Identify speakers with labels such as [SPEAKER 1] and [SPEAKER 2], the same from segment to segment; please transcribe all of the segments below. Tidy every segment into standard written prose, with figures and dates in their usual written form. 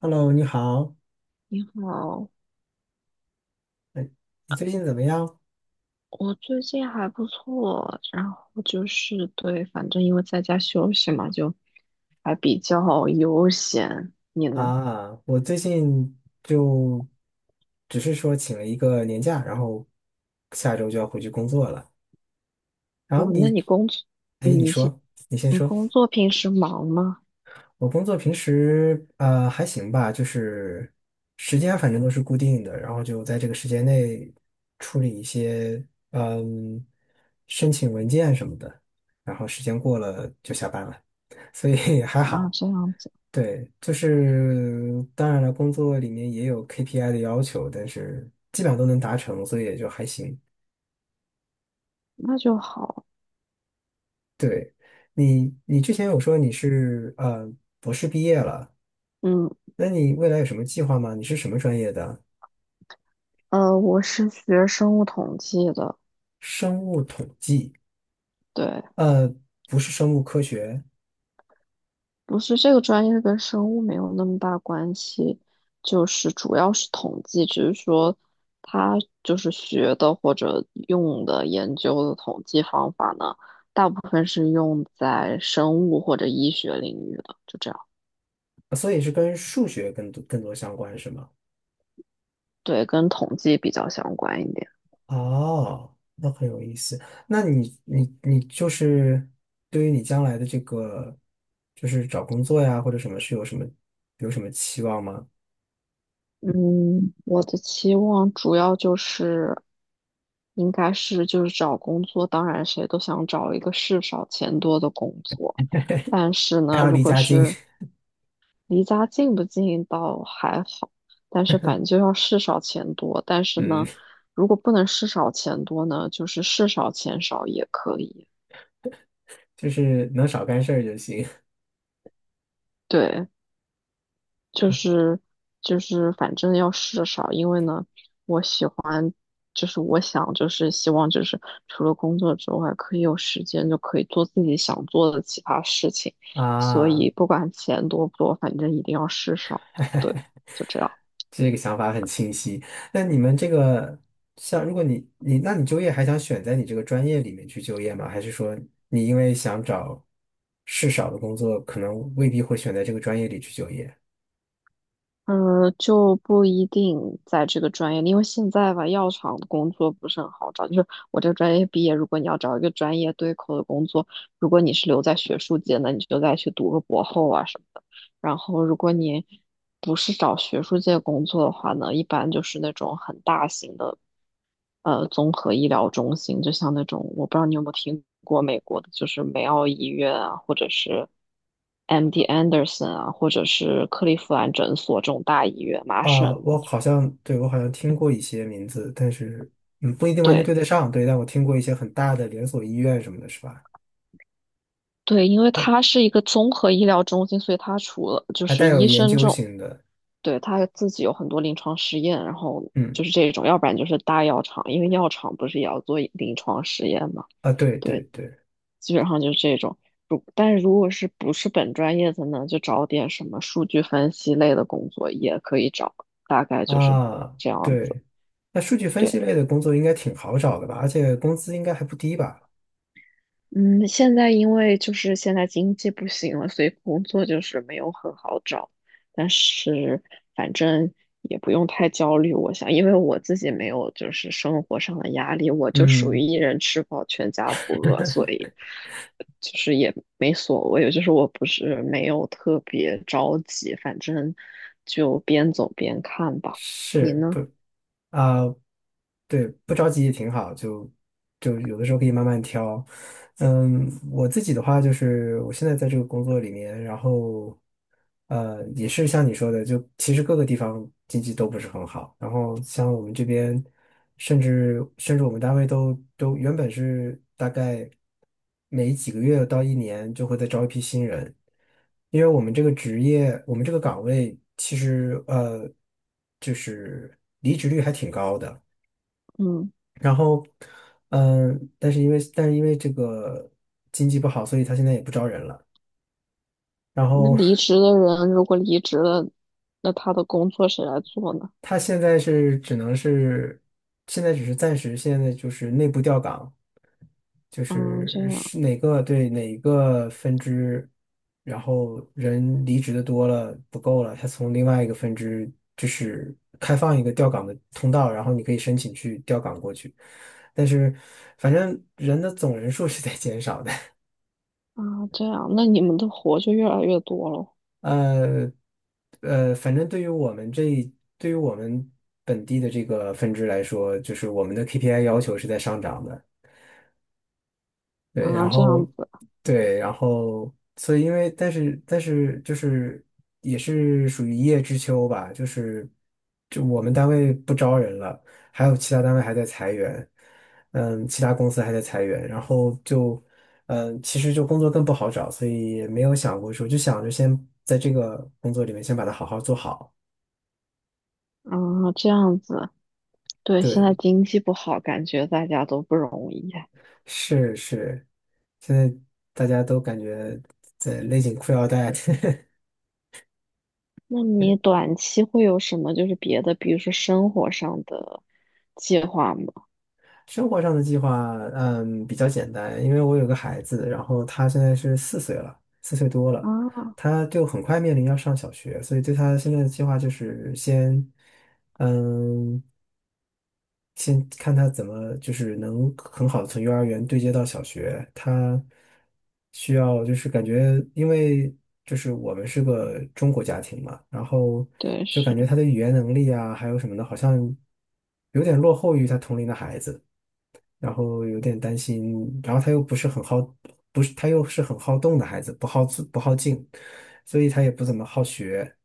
[SPEAKER 1] Hello，你好，
[SPEAKER 2] 你好。
[SPEAKER 1] 哎，你最近怎么样
[SPEAKER 2] 我最近还不错，然后就是对，反正因为在家休息嘛，就还比较悠闲。你呢？
[SPEAKER 1] 啊？我最近就只是说请了一个年假，然后下周就要回去工作了。然后
[SPEAKER 2] 嗯，那
[SPEAKER 1] 你，
[SPEAKER 2] 你工作，
[SPEAKER 1] 哎，你
[SPEAKER 2] 你现
[SPEAKER 1] 说
[SPEAKER 2] 你工作平时忙吗？
[SPEAKER 1] 我工作平时还行吧，就是时间反正都是固定的，然后就在这个时间内处理一些嗯申请文件什么的，然后时间过了就下班了，所以还
[SPEAKER 2] 啊，
[SPEAKER 1] 好。
[SPEAKER 2] 这样子。
[SPEAKER 1] 对，就是当然了，工作里面也有 KPI 的要求，但是基本上都能达成，所以也就还行。
[SPEAKER 2] 那就好。
[SPEAKER 1] 对，你之前有说你是博士毕业了，
[SPEAKER 2] 嗯，
[SPEAKER 1] 那你未来有什么计划吗？你是什么专业的？
[SPEAKER 2] 我是学生物统计的。
[SPEAKER 1] 生物统计，
[SPEAKER 2] 对，
[SPEAKER 1] 呃，不是生物科学，
[SPEAKER 2] 不是这个专业跟生物没有那么大关系，就是主要是统计，只是说他就是学的或者用的研究的统计方法呢，大部分是用在生物或者医学领域的，就这样。
[SPEAKER 1] 所以是跟数学更多相关，是吗？
[SPEAKER 2] 对，跟统计比较相关一点。
[SPEAKER 1] 哦，那很有意思。那你就是对于你将来的这个，就是找工作呀或者什么，是有什么有什么期望吗？
[SPEAKER 2] 嗯，我的期望主要就是，应该是就是找工作，当然谁都想找一个事少钱多的工作。但是
[SPEAKER 1] 还
[SPEAKER 2] 呢，
[SPEAKER 1] 要
[SPEAKER 2] 如
[SPEAKER 1] 离
[SPEAKER 2] 果
[SPEAKER 1] 家近，
[SPEAKER 2] 是离家近不近倒还好，但是反正就要事少钱多。但 是
[SPEAKER 1] 嗯，
[SPEAKER 2] 呢，如果不能事少钱多呢，就是事少钱少也可以。
[SPEAKER 1] 就是能少干事儿就行
[SPEAKER 2] 对，就是就是反正要事少，因为呢，我喜欢，就是我想就是希望就是除了工作之外，可以有时间就可以做自己想做的其他事情。所
[SPEAKER 1] 啊。
[SPEAKER 2] 以不管钱多不多，反正一定要事少。对，就这样。
[SPEAKER 1] 这个想法很清晰。那你们这个像，如果你那你就业还想选在你这个专业里面去就业吗？还是说你因为想找事少的工作，可能未必会选在这个专业里去就业？
[SPEAKER 2] 嗯，就不一定在这个专业里，因为现在吧，药厂的工作不是很好找。就是我这个专业毕业，如果你要找一个专业对口的工作，如果你是留在学术界，那你就再去读个博后啊什么的。然后，如果你不是找学术界工作的话呢，一般就是那种很大型的，综合医疗中心，就像那种，我不知道你有没有听过美国的，就是梅奥医院啊，或者是 MD Anderson 啊，或者是克利夫兰诊所这种大医院，麻
[SPEAKER 1] 啊，
[SPEAKER 2] 省。
[SPEAKER 1] 我好像，对，我好像听过一些名字，但是，嗯，不一定完全
[SPEAKER 2] 对
[SPEAKER 1] 对得上，对，但我听过一些很大的连锁医院什么的，是吧？
[SPEAKER 2] 对，因为
[SPEAKER 1] 嗯，
[SPEAKER 2] 它是一个综合医疗中心，所以它除了就
[SPEAKER 1] 还
[SPEAKER 2] 是
[SPEAKER 1] 带有
[SPEAKER 2] 医
[SPEAKER 1] 研
[SPEAKER 2] 生
[SPEAKER 1] 究
[SPEAKER 2] 这种，
[SPEAKER 1] 型的，
[SPEAKER 2] 对，他自己有很多临床实验，然后
[SPEAKER 1] 嗯，
[SPEAKER 2] 就是这种，要不然就是大药厂，因为药厂不是也要做临床实验嘛？
[SPEAKER 1] 啊，对对
[SPEAKER 2] 对，
[SPEAKER 1] 对，
[SPEAKER 2] 基本上就是这种。但是如果是不是本专业的呢，就找点什么数据分析类的工作也可以找，大概就是
[SPEAKER 1] 啊，
[SPEAKER 2] 这样子。
[SPEAKER 1] 对，那数据分析
[SPEAKER 2] 对。
[SPEAKER 1] 类的工作应该挺好找的吧？而且工资应该还不低吧？
[SPEAKER 2] 嗯，现在因为就是现在经济不行了，所以工作就是没有很好找。但是反正也不用太焦虑，我想，因为我自己没有就是生活上的压力，我就属于
[SPEAKER 1] 嗯，
[SPEAKER 2] 一人吃饱全家不饿，所以就是也没所谓，就是我不是没有特别着急，反正就边走边看吧。你
[SPEAKER 1] 是。
[SPEAKER 2] 呢？
[SPEAKER 1] 啊、对，不着急也挺好，就就有的时候可以慢慢挑。嗯，我自己的话就是，我现在在这个工作里面，然后呃，也是像你说的，就其实各个地方经济都不是很好。然后像我们这边，甚至我们单位都原本是大概每几个月到一年就会再招一批新人，因为我们这个职业，我们这个岗位其实就是离职率还挺高的。
[SPEAKER 2] 嗯，
[SPEAKER 1] 然后，但是因为这个经济不好，所以他现在也不招人了。然
[SPEAKER 2] 那
[SPEAKER 1] 后
[SPEAKER 2] 离职的人如果离职了，那他的工作谁来做呢？
[SPEAKER 1] 他现在是只能是，现在只是暂时，现在就是内部调岗，就
[SPEAKER 2] 嗯，这
[SPEAKER 1] 是
[SPEAKER 2] 样。
[SPEAKER 1] 是哪个对哪个分支，然后人离职的多了不够了，他从另外一个分支就是开放一个调岗的通道，然后你可以申请去调岗过去，但是反正人的总人数是在减少的。
[SPEAKER 2] 啊，这样，那你们的活就越来越多了。
[SPEAKER 1] 呃反正对于我们这一对于我们本地的这个分支来说，就是我们的 KPI 要求是在上涨的。对，
[SPEAKER 2] 啊，
[SPEAKER 1] 然
[SPEAKER 2] 这样
[SPEAKER 1] 后
[SPEAKER 2] 子。
[SPEAKER 1] 对，然后所以因为但是就是也是属于一叶知秋吧，就是就我们单位不招人了，还有其他单位还在裁员，嗯，其他公司还在裁员，然后就嗯，其实就工作更不好找，所以也没有想过说，就想着先在这个工作里面先把它好好做好。
[SPEAKER 2] 啊，这样子，对，现在
[SPEAKER 1] 对，
[SPEAKER 2] 经济不好，感觉大家都不容易啊。
[SPEAKER 1] 是是，现在大家都感觉在勒紧裤腰带。
[SPEAKER 2] 那你短期会有什么就是别的，比如说生活上的计划吗？
[SPEAKER 1] 生活上的计划，嗯，比较简单，因为我有个孩子，然后他现在是四岁了，四岁多了，
[SPEAKER 2] 啊，
[SPEAKER 1] 他就很快面临要上小学，所以对他现在的计划就是先，嗯，先看他怎么就是能很好的从幼儿园对接到小学，他需要就是感觉，因为就是我们是个中国家庭嘛，然后
[SPEAKER 2] 对，
[SPEAKER 1] 就
[SPEAKER 2] 是
[SPEAKER 1] 感觉他的语言能力啊，还有什么的，好像有点落后于他同龄的孩子。然后有点担心，然后他又不是很好，不是他又是很好动的孩子，不好自不好静，所以他也不怎么好学，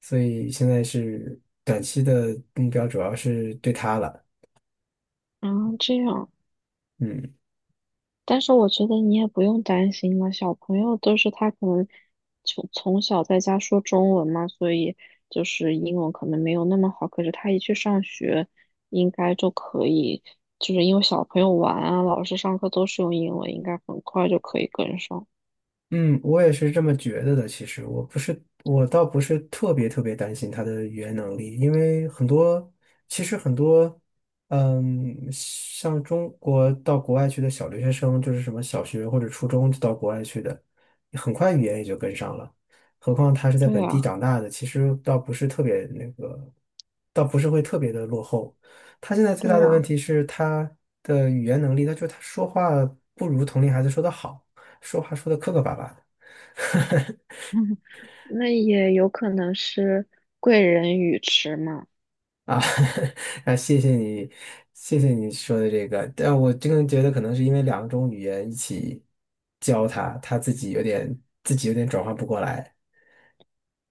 [SPEAKER 1] 所以现在是短期的目标主要是对他了，
[SPEAKER 2] 啊，这样。
[SPEAKER 1] 嗯。
[SPEAKER 2] 但是我觉得你也不用担心了，小朋友都是他可能从小在家说中文嘛，所以就是英文可能没有那么好，可是他一去上学，应该就可以，就是因为小朋友玩啊，老师上课都是用英文，应该很快就可以跟上。
[SPEAKER 1] 嗯，我也是这么觉得的。其实我不是，我倒不是特别担心他的语言能力，因为很多，其实很多，嗯，像中国到国外去的小留学生，就是什么小学或者初中就到国外去的，很快语言也就跟上了。何况他是在
[SPEAKER 2] 对
[SPEAKER 1] 本地
[SPEAKER 2] 啊，
[SPEAKER 1] 长大的，其实倒不是特别那个，倒不是会特别的落后。他现在最大
[SPEAKER 2] 对
[SPEAKER 1] 的问
[SPEAKER 2] 啊，
[SPEAKER 1] 题是他的语言能力，他就他说话不如同龄孩子说的好。说话说的磕磕巴巴的
[SPEAKER 2] 那也有可能是贵人语迟嘛。
[SPEAKER 1] 啊，啊，谢谢你，谢谢你说的这个，但我真的觉得可能是因为两种语言一起教他，自己有点转换不过来。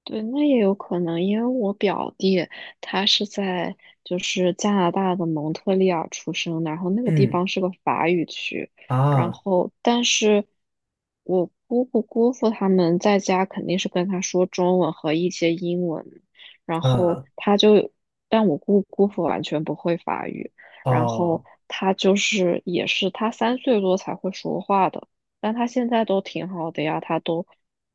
[SPEAKER 2] 对，那也有可能，因为我表弟他是在就是加拿大的蒙特利尔出生的，然后那个地
[SPEAKER 1] 嗯
[SPEAKER 2] 方是个法语区，然
[SPEAKER 1] 啊
[SPEAKER 2] 后但是我姑姑姑父他们在家肯定是跟他说中文和一些英文，然后
[SPEAKER 1] 啊
[SPEAKER 2] 他就，但我姑姑父完全不会法语，然后
[SPEAKER 1] 哦
[SPEAKER 2] 他就是也是他三岁多才会说话的。但他现在都挺好的呀，他都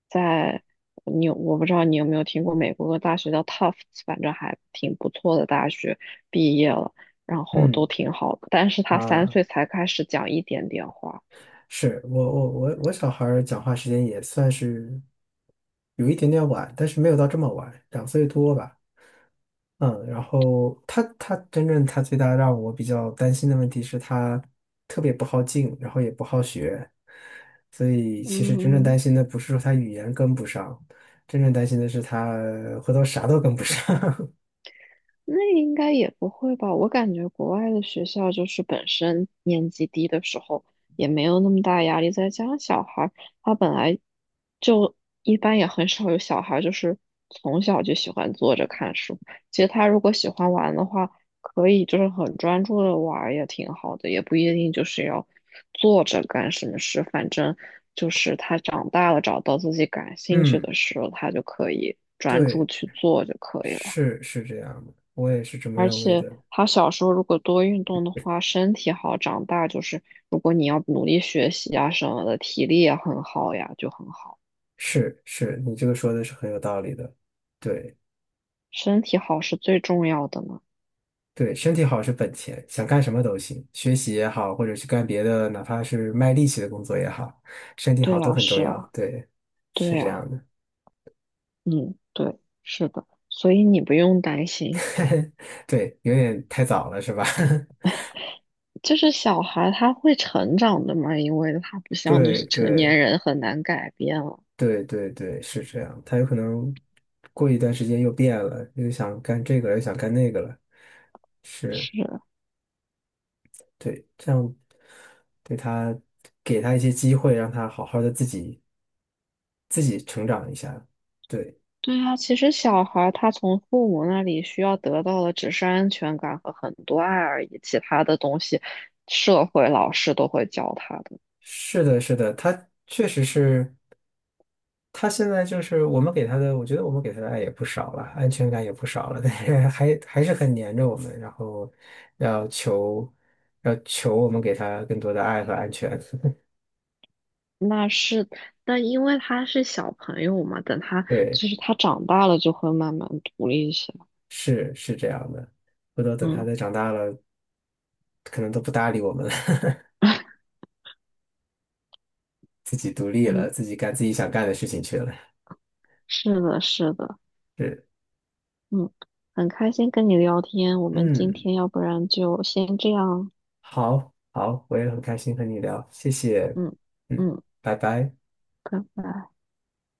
[SPEAKER 2] 在你有，我不知道你有没有听过美国的大学叫 Tufts,反正还挺不错的大学，毕业了，然后都
[SPEAKER 1] 嗯
[SPEAKER 2] 挺好的。但是他三
[SPEAKER 1] 啊，
[SPEAKER 2] 岁才开始讲一点点话。
[SPEAKER 1] 是我小孩儿讲话时间也算是有一点点晚，但是没有到这么晚，两岁多吧。嗯，然后他真正最大让我比较担心的问题是他特别不好静，然后也不好学，所以其实真正担
[SPEAKER 2] 嗯，
[SPEAKER 1] 心的不是说他语言跟不上，真正担心的是他回头啥都跟不上。
[SPEAKER 2] 那应该也不会吧？我感觉国外的学校就是本身年级低的时候也没有那么大压力，再加上小孩儿他本来就一般也很少有小孩儿就是从小就喜欢坐着看书。其实他如果喜欢玩的话，可以就是很专注的玩儿也挺好的，也不一定就是要坐着干什么事。反正就是他长大了找到自己感 兴趣
[SPEAKER 1] 嗯，
[SPEAKER 2] 的事了，他就可以专注
[SPEAKER 1] 对，
[SPEAKER 2] 去做就可以了。
[SPEAKER 1] 是是这样的，我也是这么
[SPEAKER 2] 而
[SPEAKER 1] 认为
[SPEAKER 2] 且
[SPEAKER 1] 的。
[SPEAKER 2] 他小时候如果多运动的话，身体好，长大就是如果你要努力学习啊什么的，体力也很好呀，就很好。
[SPEAKER 1] 是是，你这个说的是很有道理的。对。
[SPEAKER 2] 身体好是最重要的呢。
[SPEAKER 1] 对，身体好是本钱，想干什么都行，学习也好，或者是干别的，哪怕是卖力气的工作也好，身体好
[SPEAKER 2] 对
[SPEAKER 1] 都
[SPEAKER 2] 啊，
[SPEAKER 1] 很重
[SPEAKER 2] 是
[SPEAKER 1] 要。
[SPEAKER 2] 啊，
[SPEAKER 1] 对，是
[SPEAKER 2] 对
[SPEAKER 1] 这
[SPEAKER 2] 啊，
[SPEAKER 1] 样的。
[SPEAKER 2] 嗯，对，是的，所以你不用担心，
[SPEAKER 1] 对，有点太早了，是吧？
[SPEAKER 2] 就是小孩他会成长的嘛，因为他不 像就
[SPEAKER 1] 对
[SPEAKER 2] 是成年
[SPEAKER 1] 对
[SPEAKER 2] 人很难改变了。
[SPEAKER 1] 对对对，是这样。他有可能过一段时间又变了，又想干这个了又想干那个了。是，
[SPEAKER 2] 是。
[SPEAKER 1] 对，这样对他给他一些机会，让他好好的自己自己成长一下。对。
[SPEAKER 2] 对啊，其实小孩儿他从父母那里需要得到的只是安全感和很多爱而已，其他的东西社会老师都会教他的。
[SPEAKER 1] 是的，是的，他确实是，他现在就是我们给他的，我觉得我们给他的爱也不少了，安全感也不少了，但是还是很粘着我们，然后要求要求我们给他更多的爱和安全。
[SPEAKER 2] 那是，但因为他是小朋友嘛，等他
[SPEAKER 1] 对，
[SPEAKER 2] 就是他长大了就会慢慢独立一些。
[SPEAKER 1] 是是这样的。回头等他
[SPEAKER 2] 嗯
[SPEAKER 1] 再长大了，可能都不搭理我们了，自己独立了，
[SPEAKER 2] 嗯，
[SPEAKER 1] 自己干自己想干的事情去了。
[SPEAKER 2] 是的，是的。
[SPEAKER 1] 是，
[SPEAKER 2] 嗯，很开心跟你聊天，我们今
[SPEAKER 1] 嗯，
[SPEAKER 2] 天要不然就先这样。
[SPEAKER 1] 好，好，我也很开心和你聊，谢谢，
[SPEAKER 2] 嗯
[SPEAKER 1] 嗯，
[SPEAKER 2] 嗯，
[SPEAKER 1] 拜拜。
[SPEAKER 2] 拜拜。